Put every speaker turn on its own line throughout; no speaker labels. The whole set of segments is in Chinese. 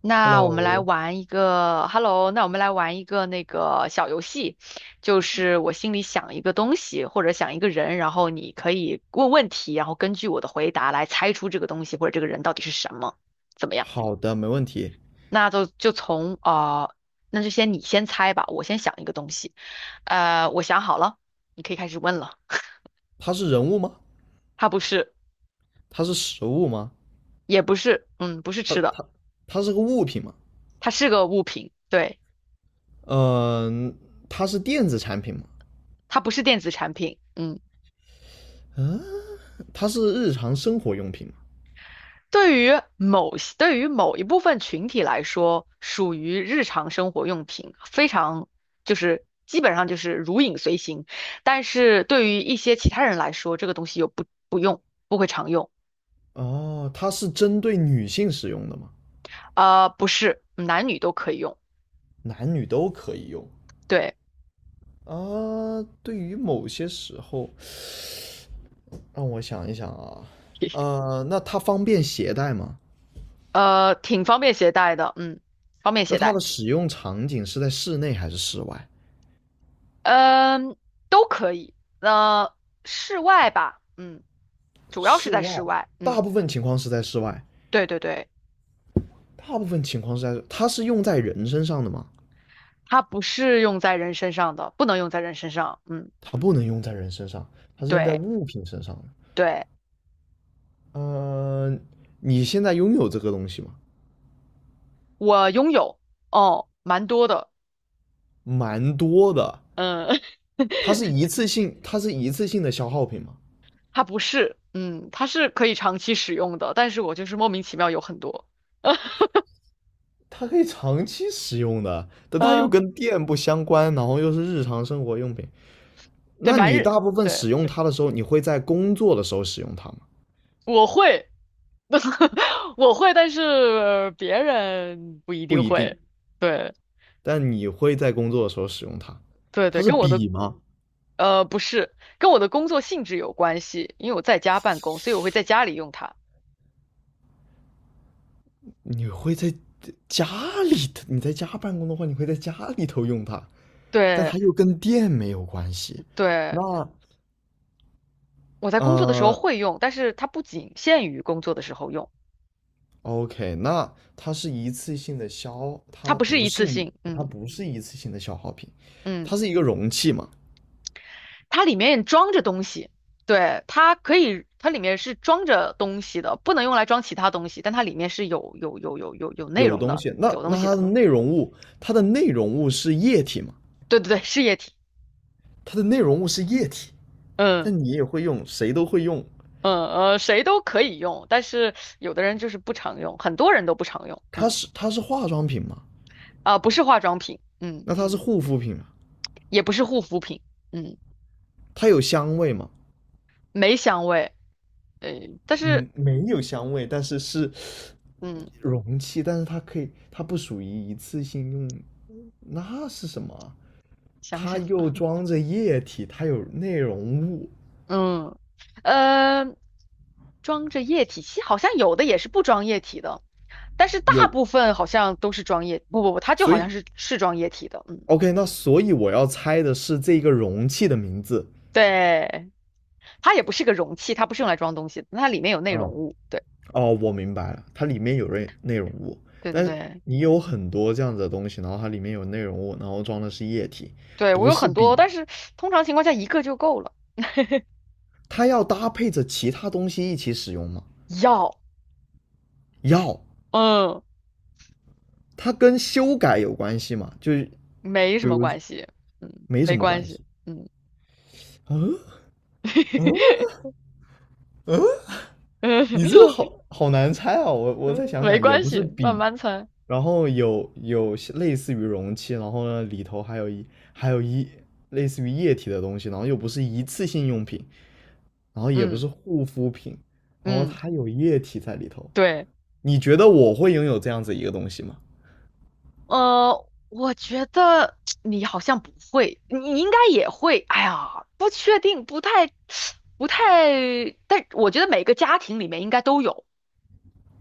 那我们来
Hello，
玩一个，Hello，那我们来玩一个小游戏，就是我心里想一个东西或者想一个人，然后你可以问问题，然后根据我的回答来猜出这个东西或者这个人到底是什么，怎么样？
好的，没问题。
那就就从啊，那就你先猜吧，我先想一个东西，我想好了，你可以开始问了。
它是人物吗？
它不是，
它是食物吗？
也不是，嗯，不是
它
吃的，
它它是个物品吗？
它是个物品，对，
嗯、它是电子产品吗？
它不是电子产品，嗯。
嗯、它是日常生活用品吗？
对于某些对于某一部分群体来说，属于日常生活用品，非常就是基本上就是如影随形。但是对于一些其他人来说，这个东西又不用，不会常用。
哦，它是针对女性使用的吗？
不是，男女都可以用。
男女都可以用
对，
啊。对于某些时候，让我想一想啊，那它方便携带吗？
挺方便携带的，嗯，方便
那
携
它
带，
的使用场景是在室内还是室外？
嗯，都可以。呃，室外吧，嗯，主要是
室
在室
外，
外，嗯，
大部分情况是在室外。
对对对，
大部分情况是在它是用在人身上的吗？
它不是用在人身上的，不能用在人身上，嗯。
它不能用在人身上，它是用在
对
物品身上的。
对，
呃，你现在拥有这个东西吗？
我拥有哦，蛮多的，
蛮多的，
嗯，
它是一次性的消耗品吗？
它不是，嗯，它是可以长期使用的，但是我就是莫名其妙有很多，
它可以长期使用的，但它又
呃，
跟电不相关，然后又是日常生活用品。
对，
那
蛮
你
日，
大部分
对，
使用它的时候，你会在工作的时候使用它吗？
我会，我会，但是别人不一
不
定
一定，
会，对
但你会在工作的时候使用它。
对对，
它是
跟我的
笔吗？
呃不是，跟我的工作性质有关系，因为我在家办公，所以我会在家里用它。
你会在家里头，你在家办公的话，你会在家里头用它，但
对
它又跟电没有关系。
对，
那
我在工作的时候
呃
会用，但是它不仅限于工作的时候用。
，OK,那它是一次性的消，
它
它
不是
不
一
是
次
一，
性，
它
嗯
不是一次性的消耗品，
嗯，
它是一个容器嘛，
它里面装着东西，对，它可以，它里面是装着东西的，不能用来装其他东西，但它里面是有内
有
容
东
的，
西。那
有东
那
西
它
的，
的内容物，它的内容物是液体嘛？
对对对，是液体，
它的内容物是液体，
嗯
但你也会用，谁都会用。
嗯谁都可以用，但是有的人就是不常用，很多人都不常用，
它
嗯
是它是化妆品嘛？
啊、不是化妆品，嗯，
那它是护肤品嘛？
也不是护肤品，嗯，
它有香味嘛？
没香味，呃，但
嗯，
是
没有香味，但是是
嗯，
容器，但是它可以，它不属于一次性用，那是什么啊
想
它
想。
又装着液体，它有内容物，
嗯，呃，装着液体，其实好像有的也是不装液体的，但是大
有，
部分好像都是装液，不不不，它就
所
好
以
像是装液体的，嗯，
OK,那所以我要猜的是这个容器的名字。
对，它也不是个容器，它不是用来装东西的，它里面有内
啊，
容
哦，
物，对
哦我明白了，它里面有内内容物，
对对
但是
对，
你有很多这样子的东西，然后它里面有内容物，然后装的是液体，
对我
不
有
是
很多，
笔，
但是通常情况下一个就够了，
它要搭配着其他东西一起使用吗？
要，
要，
嗯，
它跟修改有关系吗？就是
没
比
什么
如
关系，嗯，
没
没
什么
关
关
系，
系。
嗯，
嗯嗯 嗯，
嗯，
你这个好好难猜啊！我再想
没
想，也
关
不是
系，慢
笔，
慢猜，
然后有类似于容器，然后呢里头还有一类似于液体的东西，然后又不是一次性用品，然后也不
嗯
是护肤品，然后
嗯，
它有液体在里头。
对。
你觉得我会拥有这样子一个东西吗
我觉得 你好像不会，你应该也会。哎呀，不确定，不太。但我觉得每个家庭里面应该都有，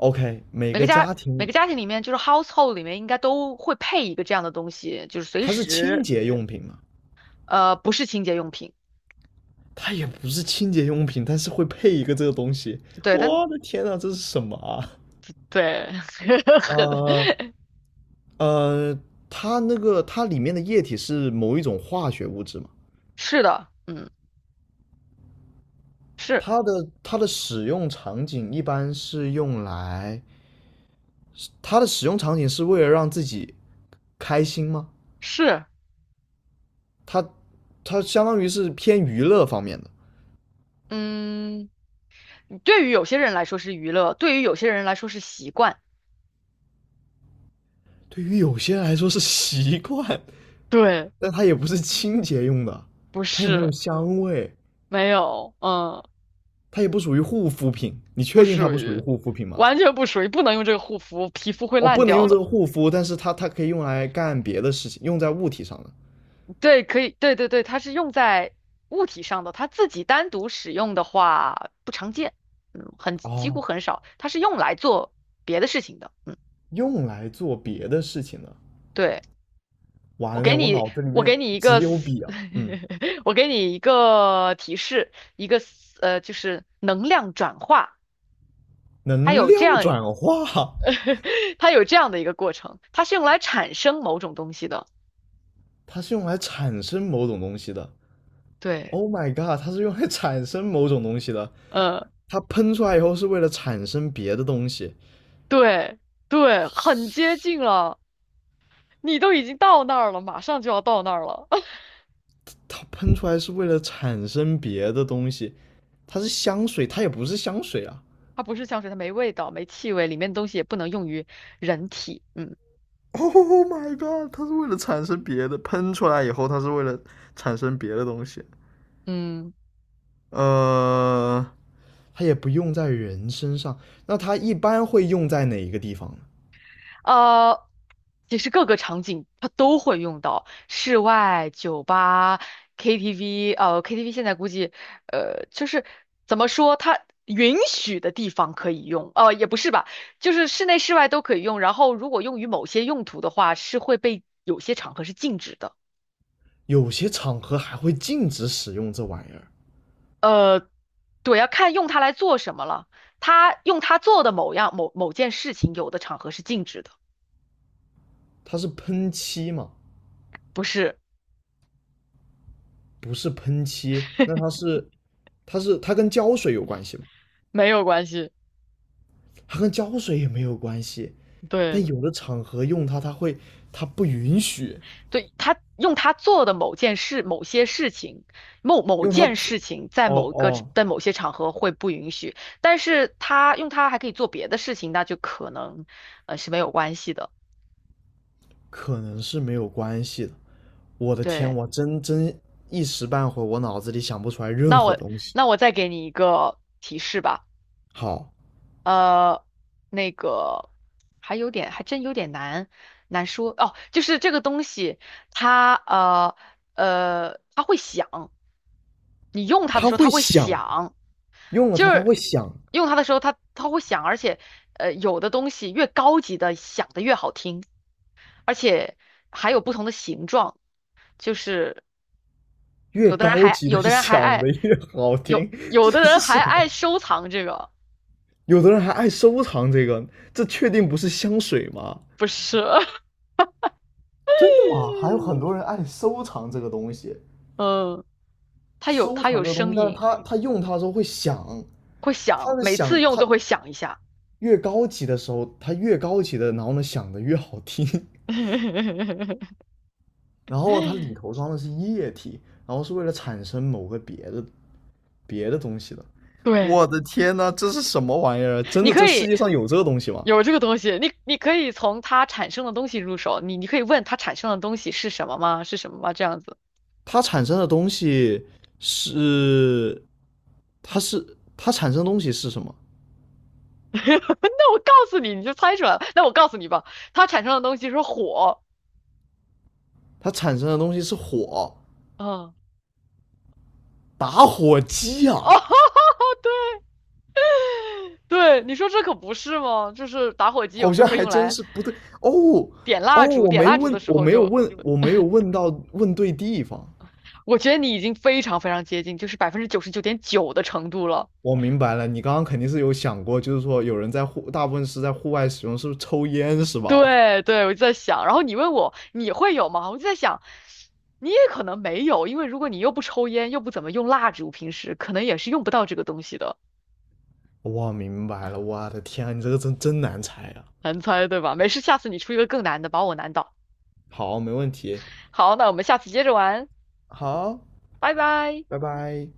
？OK,每
每个
个
家
家
每
庭
个家庭里面就是 household 里面应该都会配一个这样的东西，就是随
它是清
时，
洁用品吗？
不是清洁用品。
它也不是清洁用品，但是会配一个这个东西。
对，但
我的天呐，这是什么啊？
对，
呃
很，
呃，它它里面的液体是某一种化学物质嘛？
是的，嗯，是
它的使用场景一般是用来，它的使用场景是为了让自己开心吗？
是，
它它相当于是偏娱乐方面的，
嗯，对于有些人来说是娱乐，对于有些人来说是习惯，
对于有些人来说是习惯，
对，
但它也不是清洁用的，
不
它也没有
是。
香味。
没有，嗯，
它也不属于护肤品，你
不
确定它
属
不属于
于，
护肤品吗？
完全不属于，不能用这个护肤，皮肤会
哦，
烂
不能
掉
用这
的。
个护肤，但是它可以用来干别的事情，用在物体上的。
对，可以，对对对，它是用在物体上的，它自己单独使用的话不常见，嗯，很，几乎
哦，
很少，它是用来做别的事情的，嗯，
用来做别的事情的。
对，
完了，我脑子里
我
面
给你一
只
个
有
思
笔啊。嗯，
我给你一个提示，一个思呃，就是能量转化，它
能
有这
量
样，
转化，
它有这样的一个过程，它是用来产生某种东西的，
它是用来产生某种东西的。
对。
Oh my god,它是用来产生某种东西的。
呃，
它喷出来以后是为了产生别的东西，
对对，很接近了，你都已经到那儿了，马上就要到那儿了。
它喷出来是为了产生别的东西。它也不是香水啊。
它不是香水，它没味道，没气味，里面的东西也不能用于人体。嗯
Oh my god！它是为了产生别的，喷出来以后，它是为了产生别的东西。
嗯。
呃，它也不用在人身上。那它一般会用在哪一个地方呢？
呃，其实各个场景它都会用到，室外、酒吧、KTV，KTV 现在估计，就是怎么说，它允许的地方可以用，也不是吧，就是室内、室外都可以用。然后如果用于某些用途的话，是会被有些场合是禁止的。
有些场合还会禁止使用这玩意儿。
对，要看用它来做什么了。它用它做的某样某某件事情，有的场合是禁止的，
它是喷漆嘛？
不是，
不是喷漆，那它 是，它是它跟胶水有关系吗？
没有关系，
它跟胶水也没有关系。但
对。
有的场合用它，它会，它不允许
对，他用他做的某件事、某些事情、某某
用它。
件事情，在
哦
某个
哦，
在某些场合会不允许，但是他用他还可以做别的事情，那就可能是没有关系的。
可能是没有关系的。我的天，
对，
我真真一时半会儿我脑子里想不出来任
那
何
我
东西。
那我再给你一个提示吧，
好，
呃，那个还有点还真有点难说哦，就是这个东西它它会响，你用它的
它
时候
会
它会
响，
响。
用了
就
它它
是
会响，
用它的时候，它会响，而且有的东西越高级的响的越好听，而且还有不同的形状，就是
越
有的人
高
还
级的
有 的人还
响的
爱
越好
有
听，
有
这
的人
是什
还
么？
爱收藏这个，
有的人还爱收藏这个，这确定不是香水吗？
不是，
真的吗？还有很多人 爱收藏这个东西，
嗯，它有
收
它
藏
有
这个东西，
声
但是
音，
他用它的时候会响，
会
它
响，
的
每
响，
次用
它
都会响一下，
越高级的时候，它越高级的，然后呢响的越好听。然后它里头装的是液体，然后是为了产生某个别的别的东西的。
对。
我的天呐，这是什么玩意儿？真
你
的，
可
这世
以
界上有这个东西吗？
有这个东西，你可以从它产生的东西入手，你可以问它产生的东西是什么吗？是什么吗？这样子，
它产生的东西是，它是它产生的东西是什么？
那我告诉你，你就猜出来了。那我告诉你吧，它产生的东西是火。
它产生的东西是火，
嗯，
打火机啊，
对，你说这可不是吗？就是打火机有
好
时候
像
可以
还
用
真
来
是不对哦
点
哦，
蜡烛，点蜡烛的时
我
候
没有
就，
问，我没有问到问对地方。
我觉得你已经非常非常接近，就是99.9%的程度了。
我明白了，你刚刚肯定是有想过，就是说有人在户，大部分是在户外使用，是不是抽烟是吧？
对对，我就在想，然后你问我你会有吗？我就在想，你也可能没有，因为如果你又不抽烟，又不怎么用蜡烛，平时可能也是用不到这个东西的。
我明白了，我的天啊，你这个真真难猜啊！
难猜，对吧？没事，下次你出一个更难的，把我难倒。
好，没问题，
好，那我们下次接着玩，
好，
拜拜。
拜拜。